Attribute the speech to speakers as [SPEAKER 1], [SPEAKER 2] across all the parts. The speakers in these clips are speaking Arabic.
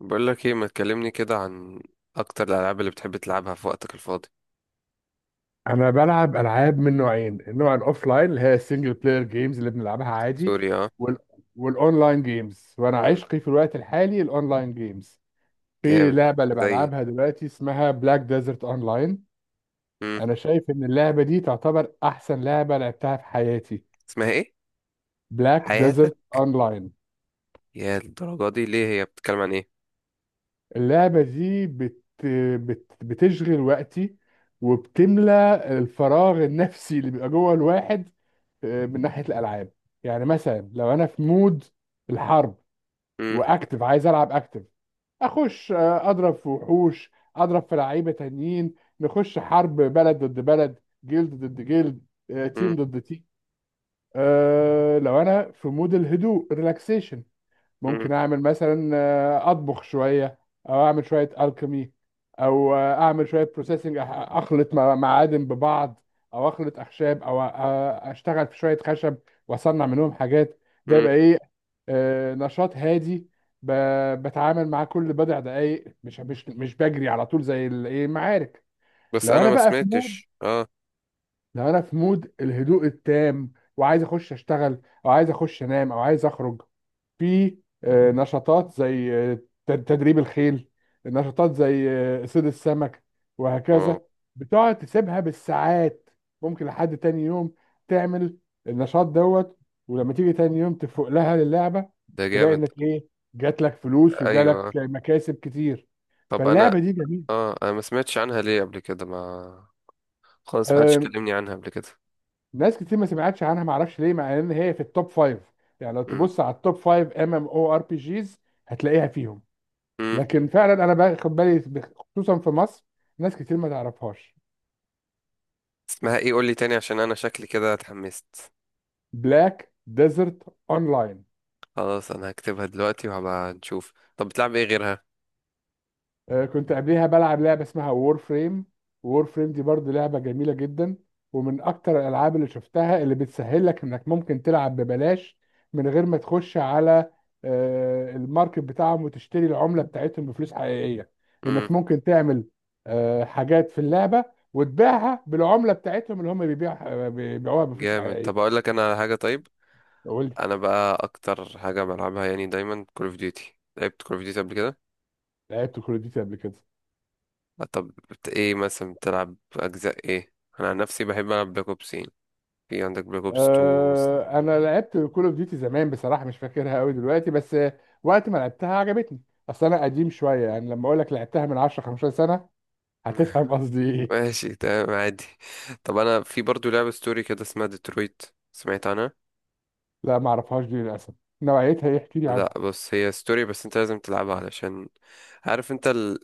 [SPEAKER 1] بقول لك ايه؟ ما تكلمني كده عن اكتر الالعاب اللي بتحب تلعبها في وقتك الفاضي.
[SPEAKER 2] انا بلعب العاب من نوعين: النوع الاوفلاين اللي هي السنجل بلاير جيمز اللي بنلعبها عادي،
[SPEAKER 1] سوري، اه.
[SPEAKER 2] وال... والاونلاين جيمز، وانا
[SPEAKER 1] مم.
[SPEAKER 2] عشقي في الوقت الحالي الاونلاين جيمز. في
[SPEAKER 1] جامد.
[SPEAKER 2] لعبه اللي
[SPEAKER 1] زي.
[SPEAKER 2] بلعبها دلوقتي اسمها بلاك ديزرت اونلاين.
[SPEAKER 1] مم.
[SPEAKER 2] انا شايف ان اللعبه دي تعتبر احسن لعبه لعبتها في حياتي.
[SPEAKER 1] اسمها ايه؟
[SPEAKER 2] بلاك ديزرت
[SPEAKER 1] حياتك؟
[SPEAKER 2] اونلاين.
[SPEAKER 1] يا الدرجه دي، ليه هي بتتكلم عن ايه؟
[SPEAKER 2] اللعبة دي بتشغل وقتي وبتملى الفراغ النفسي اللي بيبقى جوه الواحد من ناحية الألعاب. يعني مثلا لو أنا في مود الحرب
[SPEAKER 1] مم.
[SPEAKER 2] وأكتف عايز ألعب أكتف، أخش أضرب في وحوش، أضرب في لعيبة تانيين، نخش حرب بلد ضد بلد، جلد ضد جلد،
[SPEAKER 1] مم.
[SPEAKER 2] تيم ضد تيم. لو أنا في مود الهدوء ريلاكسيشن،
[SPEAKER 1] مم.
[SPEAKER 2] ممكن اعمل مثلا اطبخ شويه، او اعمل شويه الكيمي، او اعمل شويه بروسيسنج، اخلط معادن ببعض، او اخلط اخشاب، او اشتغل في شويه خشب واصنع منهم حاجات. ده
[SPEAKER 1] مم.
[SPEAKER 2] يبقى ايه؟ نشاط هادي. بتعامل مع كل بضع دقايق، مش بجري على طول زي الايه المعارك.
[SPEAKER 1] بس
[SPEAKER 2] لو
[SPEAKER 1] انا
[SPEAKER 2] انا
[SPEAKER 1] ما
[SPEAKER 2] بقى في مود،
[SPEAKER 1] سمعتش، اه.
[SPEAKER 2] لو انا في مود الهدوء التام وعايز اخش اشتغل او عايز اخش انام او عايز اخرج، في نشاطات زي تدريب الخيل، نشاطات زي صيد السمك،
[SPEAKER 1] واو.
[SPEAKER 2] وهكذا. بتقعد تسيبها بالساعات، ممكن لحد تاني يوم تعمل النشاط دوت. ولما تيجي تاني يوم تفوق لها للعبة،
[SPEAKER 1] ده
[SPEAKER 2] تلاقي
[SPEAKER 1] جامد.
[SPEAKER 2] انك ايه؟ جات لك فلوس وجالك
[SPEAKER 1] ايوه.
[SPEAKER 2] مكاسب كتير.
[SPEAKER 1] طب انا
[SPEAKER 2] فاللعبة دي جميلة.
[SPEAKER 1] اه انا ما سمعتش عنها ليه قبل كده؟ ما خالص، ما حدش
[SPEAKER 2] آه،
[SPEAKER 1] كلمني عنها قبل كده.
[SPEAKER 2] ناس كتير ما سمعتش عنها، ما اعرفش ليه، مع ان هي في التوب فايف. يعني لو
[SPEAKER 1] مم.
[SPEAKER 2] تبص على التوب فايف ام ام او ار بي جيز هتلاقيها فيهم.
[SPEAKER 1] مم.
[SPEAKER 2] لكن فعلا انا باخد بالي، خصوصا في مصر ناس كتير ما تعرفهاش.
[SPEAKER 1] اسمها ايه؟ قول لي تاني عشان انا شكلي كده اتحمست.
[SPEAKER 2] بلاك ديزرت اونلاين.
[SPEAKER 1] خلاص، انا هكتبها دلوقتي وهبقى نشوف. طب بتلعب ايه غيرها؟
[SPEAKER 2] كنت قبليها بلعب لعبة اسمها وور فريم. وور فريم دي برضه لعبة جميلة جدا، ومن أكتر الألعاب اللي شفتها اللي بتسهل لك إنك ممكن تلعب ببلاش من غير ما تخش على الماركت بتاعهم وتشتري العملة بتاعتهم بفلوس حقيقية، إنك ممكن تعمل حاجات في اللعبة وتبيعها بالعملة بتاعتهم اللي هم بيبيعوها بفلوس
[SPEAKER 1] جامد. طب
[SPEAKER 2] حقيقية.
[SPEAKER 1] اقول لك انا على حاجه، طيب؟
[SPEAKER 2] قول لي.
[SPEAKER 1] انا بقى اكتر حاجه بلعبها يعني دايما كول اوف ديوتي. لعبت كول اوف ديوتي قبل كده.
[SPEAKER 2] لعبت كول أوف ديوتي قبل كده.
[SPEAKER 1] طب ايه مثلا بتلعب اجزاء ايه؟ انا عن نفسي بحب العب بلاك اوبس يعني. في عندك بلاك اوبس 2 3.
[SPEAKER 2] انا لعبت كول اوف ديوتي زمان بصراحه، مش فاكرها قوي دلوقتي، بس وقت ما لعبتها عجبتني. اصل انا قديم شويه، يعني لما اقول لك لعبتها من 10 15 سنه هتفهم قصدي ايه.
[SPEAKER 1] ماشي، تمام، عادي. طب انا في برضو لعبه ستوري كده اسمها ديترويت. سمعت عنها؟
[SPEAKER 2] لا، ما اعرفهاش دي للاسف. نوعيتها ايه؟ احكي لي
[SPEAKER 1] لا،
[SPEAKER 2] عنها.
[SPEAKER 1] بص، هي ستوري بس انت لازم تلعبها علشان عارف انت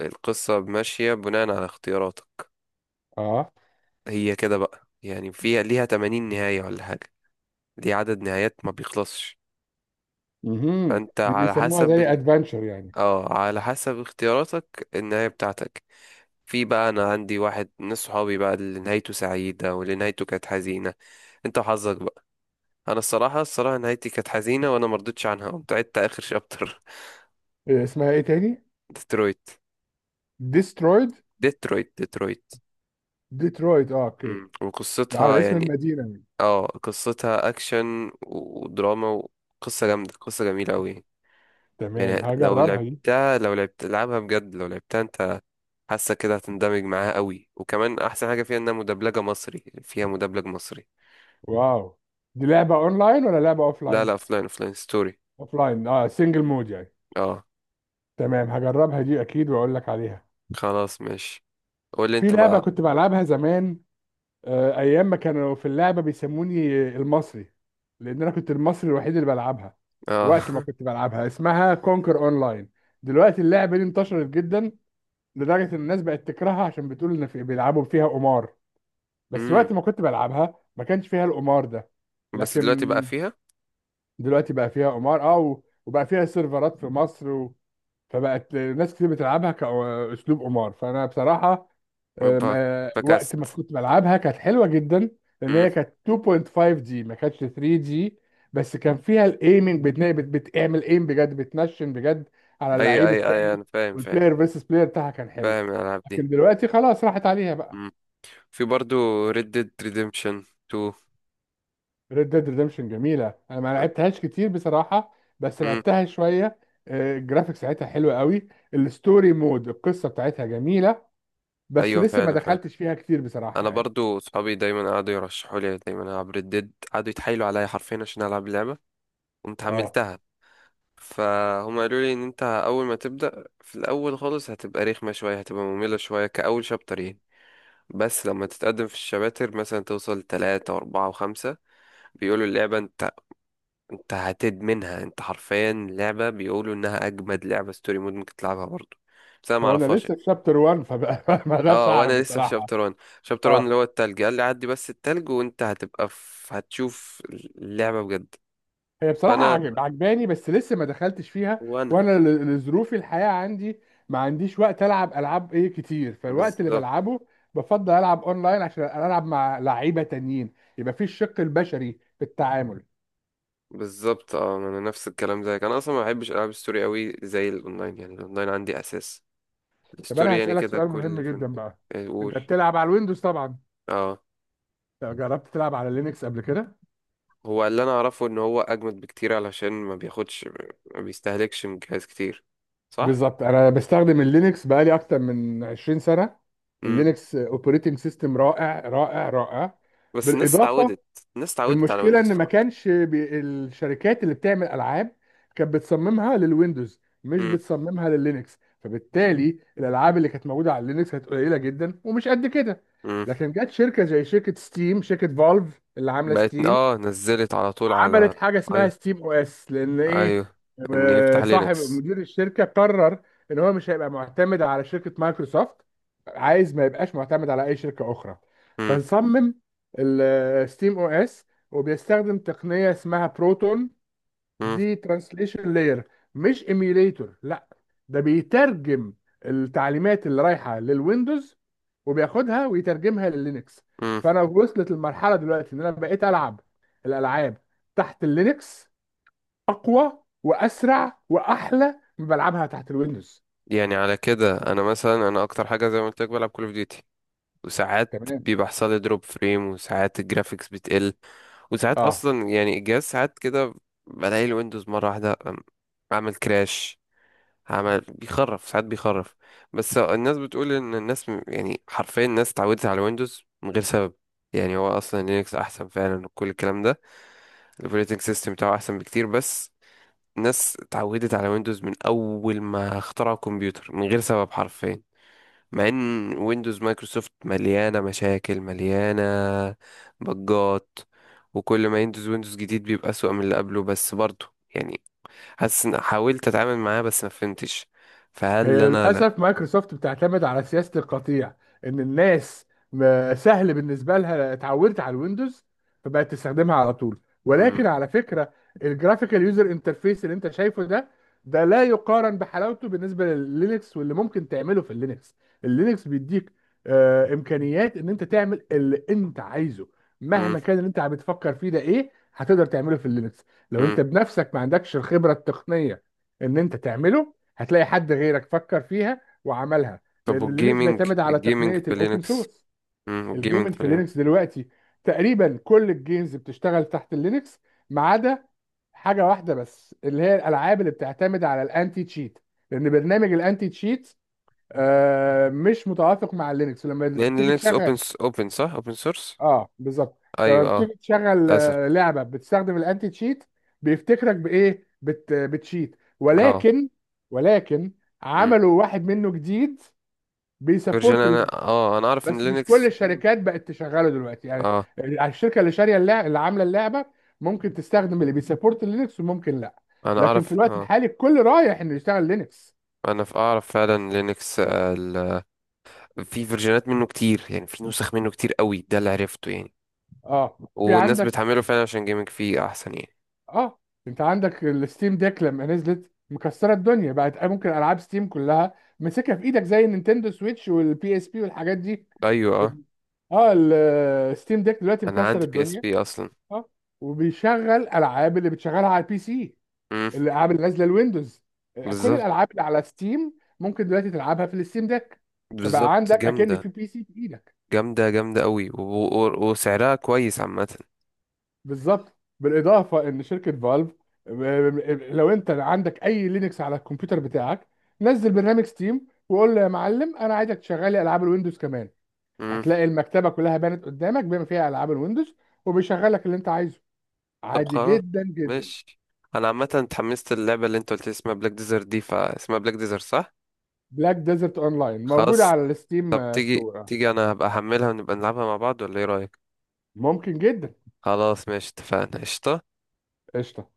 [SPEAKER 1] القصه ماشيه بناء على اختياراتك.
[SPEAKER 2] اه.
[SPEAKER 1] هي كده بقى، يعني فيها ليها 80 نهايه ولا حاجه. دي عدد نهايات ما بيخلصش.
[SPEAKER 2] امم.
[SPEAKER 1] فانت
[SPEAKER 2] دي
[SPEAKER 1] على
[SPEAKER 2] بيسموها
[SPEAKER 1] حسب
[SPEAKER 2] زي ادفنتشر يعني.
[SPEAKER 1] اه، على حسب اختياراتك النهاية بتاعتك. في بقى انا عندي واحد من صحابي بقى اللي نهايته سعيدة واللي نهايته كانت حزينة. انت وحظك بقى. انا الصراحة، الصراحة نهايتي كانت حزينة وانا مرضتش عنها، قمت عدت اخر شابتر.
[SPEAKER 2] إيه اسمها ايه تاني؟
[SPEAKER 1] ديترويت.
[SPEAKER 2] ديسترويد.
[SPEAKER 1] ديترويت. ديترويت.
[SPEAKER 2] ديترويد، اه، اوكي.
[SPEAKER 1] مم. وقصتها
[SPEAKER 2] على اسم
[SPEAKER 1] يعني،
[SPEAKER 2] المدينه دي.
[SPEAKER 1] اه، قصتها اكشن ودراما وقصة جامدة، قصة جميلة قوي.
[SPEAKER 2] تمام،
[SPEAKER 1] يعني لو
[SPEAKER 2] هجربها دي.
[SPEAKER 1] لعبتها، لو لعبت لعبها بجد، لو لعبتها انت حاسه كده هتندمج معاها قوي. وكمان احسن حاجه فيها انها مدبلجه مصري، فيها مدبلج مصري.
[SPEAKER 2] واو. دي لعبه اونلاين ولا لعبه
[SPEAKER 1] لا
[SPEAKER 2] اوفلاين؟
[SPEAKER 1] لا، فلاين ستوري.
[SPEAKER 2] اوفلاين، اه، سنجل مود يعني.
[SPEAKER 1] اه.
[SPEAKER 2] تمام، هجربها دي اكيد واقول لك عليها.
[SPEAKER 1] خلاص ماشي. قول لي
[SPEAKER 2] في
[SPEAKER 1] انت
[SPEAKER 2] لعبه
[SPEAKER 1] بقى.
[SPEAKER 2] كنت بلعبها زمان، ايام ما كانوا في اللعبه بيسموني المصري لان انا كنت المصري الوحيد اللي بلعبها.
[SPEAKER 1] اه.
[SPEAKER 2] وقت ما كنت بلعبها اسمها كونكر اونلاين. دلوقتي اللعبه دي انتشرت جدا، لدرجه ان الناس بقت تكرهها عشان بتقول ان في بيلعبوا فيها قمار. بس
[SPEAKER 1] امم.
[SPEAKER 2] وقت ما كنت بلعبها ما كانش فيها القمار ده.
[SPEAKER 1] بس دلوقتي بقى
[SPEAKER 2] لكن
[SPEAKER 1] فيها.
[SPEAKER 2] دلوقتي بقى فيها قمار، اه، وبقى فيها سيرفرات في مصر فبقت ناس كتير بتلعبها كأسلوب قمار. فأنا بصراحة أم،
[SPEAKER 1] ب-
[SPEAKER 2] آه، وقت ما
[SPEAKER 1] فكست.
[SPEAKER 2] كنت بلعبها كانت حلوه جدا، لان
[SPEAKER 1] امم.
[SPEAKER 2] هي كانت 2.5 دي، ما كانتش 3 دي. بس كان فيها الايمنج بتعمل ايم بجد، بتنشن بجد على
[SPEAKER 1] اي
[SPEAKER 2] اللعيب
[SPEAKER 1] اي اي،
[SPEAKER 2] التاني،
[SPEAKER 1] انا فاهم، فاهم.
[SPEAKER 2] والبلاير فيرسس بلاير بتاعها كان حلو.
[SPEAKER 1] فاهم الالعاب دي.
[SPEAKER 2] لكن دلوقتي خلاص راحت عليها بقى.
[SPEAKER 1] امم. في برضو Red Dead Redemption 2.
[SPEAKER 2] ريد ديد ريدمشن جميله، انا ما لعبتهاش كتير بصراحه، بس
[SPEAKER 1] امم.
[SPEAKER 2] لعبتها شويه. الجرافيكس بتاعتها حلوه قوي، الستوري مود القصه بتاعتها جميله، بس
[SPEAKER 1] ايوه،
[SPEAKER 2] لسه ما
[SPEAKER 1] فعلا، فعلا.
[SPEAKER 2] دخلتش فيها كتير بصراحه
[SPEAKER 1] انا
[SPEAKER 2] يعني.
[SPEAKER 1] برضو صحابي دايما قعدوا يرشحوا لي دايما العب Red Dead، قعدوا يتحايلوا عليا حرفيا عشان العب اللعبه. قمت
[SPEAKER 2] اه.
[SPEAKER 1] حملتها. فهم قالوا لي ان انت اول ما تبدا في الاول خالص هتبقى رخمه شويه، هتبقى ممله شويه، كاول شابتر يعني. بس لما تتقدم في الشباتر مثلا توصل تلاتة وأربعة وخمسة بيقولوا اللعبة انت، انت هتدمنها. انت حرفيا لعبة بيقولوا انها أجمد لعبة ستوري مود ممكن تلعبها برضه. بس أنا
[SPEAKER 2] هو انا
[SPEAKER 1] معرفهاش.
[SPEAKER 2] لسه في شابتر 1 فبقى، ما اقدرش
[SPEAKER 1] اه،
[SPEAKER 2] اعرف
[SPEAKER 1] وأنا لسه في
[SPEAKER 2] بصراحه.
[SPEAKER 1] شابتر 1
[SPEAKER 2] اه،
[SPEAKER 1] اللي هو التلج. قال لي عدي بس التلج وانت هتبقى في... هتشوف اللعبة بجد.
[SPEAKER 2] هي بصراحه
[SPEAKER 1] فأنا
[SPEAKER 2] عجباني، بس لسه ما دخلتش فيها،
[SPEAKER 1] وأنا
[SPEAKER 2] وانا لظروف الحياه عندي ما عنديش وقت العب العاب ايه كتير. فالوقت اللي
[SPEAKER 1] بالظبط.
[SPEAKER 2] بلعبه بفضل العب اونلاين عشان العب مع لعيبه تانيين، يبقى في الشق البشري في التعامل.
[SPEAKER 1] بالظبط. اه، ما انا نفس الكلام زيك. انا اصلا ما بحبش العاب الستوري قوي زي الاونلاين. يعني الاونلاين عندي اساس،
[SPEAKER 2] طب انا
[SPEAKER 1] الستوري يعني
[SPEAKER 2] هسالك
[SPEAKER 1] كده
[SPEAKER 2] سؤال مهم
[SPEAKER 1] كل فين
[SPEAKER 2] جدا
[SPEAKER 1] وفين.
[SPEAKER 2] بقى.
[SPEAKER 1] يعني قول.
[SPEAKER 2] انت بتلعب على الويندوز طبعا؟
[SPEAKER 1] اه.
[SPEAKER 2] طب جربت تلعب على لينكس قبل كده؟
[SPEAKER 1] هو اللي انا اعرفه ان هو اجمد بكتير علشان ما بياخدش، ما بيستهلكش من جهاز كتير. صح.
[SPEAKER 2] بالظبط. انا بستخدم اللينكس بقالي اكتر من 20 سنه.
[SPEAKER 1] امم.
[SPEAKER 2] اللينكس اوبريتنج سيستم رائع رائع رائع.
[SPEAKER 1] بس الناس
[SPEAKER 2] بالاضافه.
[SPEAKER 1] اتعودت. الناس اتعودت على
[SPEAKER 2] المشكله
[SPEAKER 1] ويندوز
[SPEAKER 2] ان ما
[SPEAKER 1] خلاص.
[SPEAKER 2] كانش الشركات اللي بتعمل العاب كانت بتصممها للويندوز، مش
[SPEAKER 1] امم.
[SPEAKER 2] بتصممها لللينكس، فبالتالي الالعاب اللي كانت موجوده على اللينكس كانت قليله جدا ومش قد كده.
[SPEAKER 1] امم.
[SPEAKER 2] لكن جت شركه زي شركه ستيم، شركه فالف اللي عامله
[SPEAKER 1] بقت،
[SPEAKER 2] ستيم،
[SPEAKER 1] اه، نزلت على طول على.
[SPEAKER 2] عملت حاجه اسمها
[SPEAKER 1] ايوه.
[SPEAKER 2] ستيم او اس. لان ايه؟
[SPEAKER 1] ايوه. ان يفتح
[SPEAKER 2] صاحب
[SPEAKER 1] لينكس.
[SPEAKER 2] مدير الشركه قرر ان هو مش هيبقى معتمد على شركه مايكروسوفت، عايز ما يبقاش معتمد على اي شركه اخرى،
[SPEAKER 1] امم.
[SPEAKER 2] فنصمم الستيم او اس. وبيستخدم تقنيه اسمها بروتون.
[SPEAKER 1] امم.
[SPEAKER 2] دي ترانسليشن لاير، مش ايميوليتور لا. ده بيترجم التعليمات اللي رايحه للويندوز وبياخدها ويترجمها لللينكس.
[SPEAKER 1] امم.
[SPEAKER 2] فانا وصلت المرحله دلوقتي ان انا بقيت العب الالعاب تحت اللينكس اقوى واسرع واحلى من بلعبها تحت الويندوز.
[SPEAKER 1] يعني على كده انا مثلا، انا اكتر حاجه زي ما قلت لك بلعب كول اوف ديوتي، وساعات
[SPEAKER 2] تمام.
[SPEAKER 1] بيبقى حصل لي دروب فريم وساعات الجرافيكس بتقل، وساعات
[SPEAKER 2] اه.
[SPEAKER 1] اصلا يعني الجهاز ساعات كده بلاقي الويندوز مره واحده، عمل كراش، عمل بيخرف، ساعات بيخرف. بس الناس بتقول ان الناس يعني حرفيا الناس اتعودت على الويندوز من غير سبب. يعني هو اصلا لينكس احسن فعلا وكل الكلام ده. الاوبريتنج سيستم بتاعه احسن بكتير. بس الناس اتعودت على ويندوز من اول ما اخترعوا الكمبيوتر من غير سبب حرفيا. مع ان ويندوز مايكروسوفت مليانة مشاكل، مليانة بجات. وكل ما يندوز جديد بيبقى أسوأ من اللي قبله. بس برضه يعني حاسس ان حاولت اتعامل معاه بس ما فهمتش. فهل
[SPEAKER 2] هي
[SPEAKER 1] انا لا.
[SPEAKER 2] للأسف مايكروسوفت بتعتمد على سياسة القطيع، إن الناس سهل بالنسبة لها اتعودت على الويندوز فبقت تستخدمها على طول.
[SPEAKER 1] مم.
[SPEAKER 2] ولكن على فكرة، الجرافيكال يوزر انترفيس اللي أنت شايفه ده، ده لا يقارن بحلاوته بالنسبة لللينكس، واللي ممكن تعمله في اللينكس. اللينكس بيديك إمكانيات إن أنت تعمل اللي أنت عايزه.
[SPEAKER 1] مم.
[SPEAKER 2] مهما كان اللي أنت عم بتفكر فيه ده إيه، هتقدر تعمله في اللينكس. لو
[SPEAKER 1] مم.
[SPEAKER 2] أنت بنفسك ما عندكش الخبرة التقنية إن أنت تعمله، هتلاقي حد غيرك فكر فيها وعملها.
[SPEAKER 1] طب
[SPEAKER 2] لان لينكس
[SPEAKER 1] والجيمنج،
[SPEAKER 2] بيعتمد على
[SPEAKER 1] الجيمنج
[SPEAKER 2] تقنيه
[SPEAKER 1] في
[SPEAKER 2] الاوبن
[SPEAKER 1] لينكس.
[SPEAKER 2] سورس.
[SPEAKER 1] مم. والجيمنج
[SPEAKER 2] الجيمنج
[SPEAKER 1] في
[SPEAKER 2] في لينكس
[SPEAKER 1] لينكس.
[SPEAKER 2] دلوقتي تقريبا كل الجيمز بتشتغل تحت اللينكس، ما عدا حاجه واحده بس، اللي هي الالعاب اللي بتعتمد على الانتي تشيت. لان برنامج الانتي تشيت مش متوافق مع اللينكس. لما
[SPEAKER 1] لان
[SPEAKER 2] تيجي
[SPEAKER 1] لينكس
[SPEAKER 2] تشغل،
[SPEAKER 1] اوبن صح، اوبن سورس.
[SPEAKER 2] اه بالظبط،
[SPEAKER 1] ايوه، اه.
[SPEAKER 2] فبتيجي تشغل
[SPEAKER 1] للاسف.
[SPEAKER 2] لعبه بتستخدم الانتي تشيت بيفتكرك بايه، بتشيت.
[SPEAKER 1] اه.
[SPEAKER 2] ولكن، ولكن،
[SPEAKER 1] مم.
[SPEAKER 2] عملوا واحد منه جديد
[SPEAKER 1] فيرجن،
[SPEAKER 2] بيسبورت اللعبة.
[SPEAKER 1] انا، اه، انا اعرف ان
[SPEAKER 2] بس مش
[SPEAKER 1] لينكس
[SPEAKER 2] كل
[SPEAKER 1] في منه.
[SPEAKER 2] الشركات بقت تشغله دلوقتي يعني.
[SPEAKER 1] اه،
[SPEAKER 2] الشركه اللي شاريه اللعبه، اللي عامله اللعبه، ممكن تستخدم اللي بيسبورت لينكس وممكن لا.
[SPEAKER 1] انا
[SPEAKER 2] لكن في
[SPEAKER 1] اعرف.
[SPEAKER 2] الوقت
[SPEAKER 1] اه.
[SPEAKER 2] الحالي الكل رايح انه يشتغل لينكس.
[SPEAKER 1] انا في اعرف فعلا لينكس. في فيرجنات منه كتير، يعني في نسخ منه كتير قوي ده اللي عرفته يعني.
[SPEAKER 2] اه. في
[SPEAKER 1] والناس
[SPEAKER 2] عندك.
[SPEAKER 1] بتحمله فعلا عشان جيمنج فيه احسن يعني.
[SPEAKER 2] اه، انت عندك الستيم ديك لما نزلت مكسره الدنيا، بقت ممكن العاب ستيم كلها ماسكها في ايدك زي النينتندو سويتش والبي اس بي والحاجات دي.
[SPEAKER 1] ايوه، اه.
[SPEAKER 2] اه. الستيم ديك دلوقتي
[SPEAKER 1] انا
[SPEAKER 2] مكسر
[SPEAKER 1] عندي بي اس
[SPEAKER 2] الدنيا.
[SPEAKER 1] بي اصلا.
[SPEAKER 2] اه. وبيشغل العاب اللي بتشغلها على البي سي.
[SPEAKER 1] امم.
[SPEAKER 2] الالعاب اللي نازله الويندوز. كل
[SPEAKER 1] بالظبط.
[SPEAKER 2] الالعاب اللي على ستيم ممكن دلوقتي تلعبها في الستيم ديك. فبقى
[SPEAKER 1] بالظبط،
[SPEAKER 2] عندك اكن
[SPEAKER 1] جامده،
[SPEAKER 2] في بي سي في ايدك.
[SPEAKER 1] جامده، جامده قوي وسعرها كويس عامه.
[SPEAKER 2] بالظبط. بالاضافه ان شركه فالف، لو انت عندك اي لينكس على الكمبيوتر بتاعك، نزل برنامج ستيم وقول له يا معلم انا عايزك تشغل لي العاب الويندوز كمان.
[SPEAKER 1] امم.
[SPEAKER 2] هتلاقي المكتبه كلها بانت قدامك بما فيها العاب الويندوز، وبيشغل لك اللي انت عايزه
[SPEAKER 1] طب
[SPEAKER 2] عادي
[SPEAKER 1] خلاص،
[SPEAKER 2] جدا جدا.
[SPEAKER 1] ماشي. انا عامه اتحمست، اللعبه اللي انت قلت لي اسمها بلاك ديزر دي، فاسمها بلاك ديزر صح؟
[SPEAKER 2] بلاك ديزرت اونلاين موجوده
[SPEAKER 1] خلاص.
[SPEAKER 2] على
[SPEAKER 1] طب
[SPEAKER 2] الستيم
[SPEAKER 1] تيجي،
[SPEAKER 2] ستور.
[SPEAKER 1] تيجي، انا هبقى احملها ونبقى نلعبها مع بعض ولا ايه رايك؟
[SPEAKER 2] ممكن جدا.
[SPEAKER 1] خلاص ماشي، اتفقنا قشطة.
[SPEAKER 2] قشطه.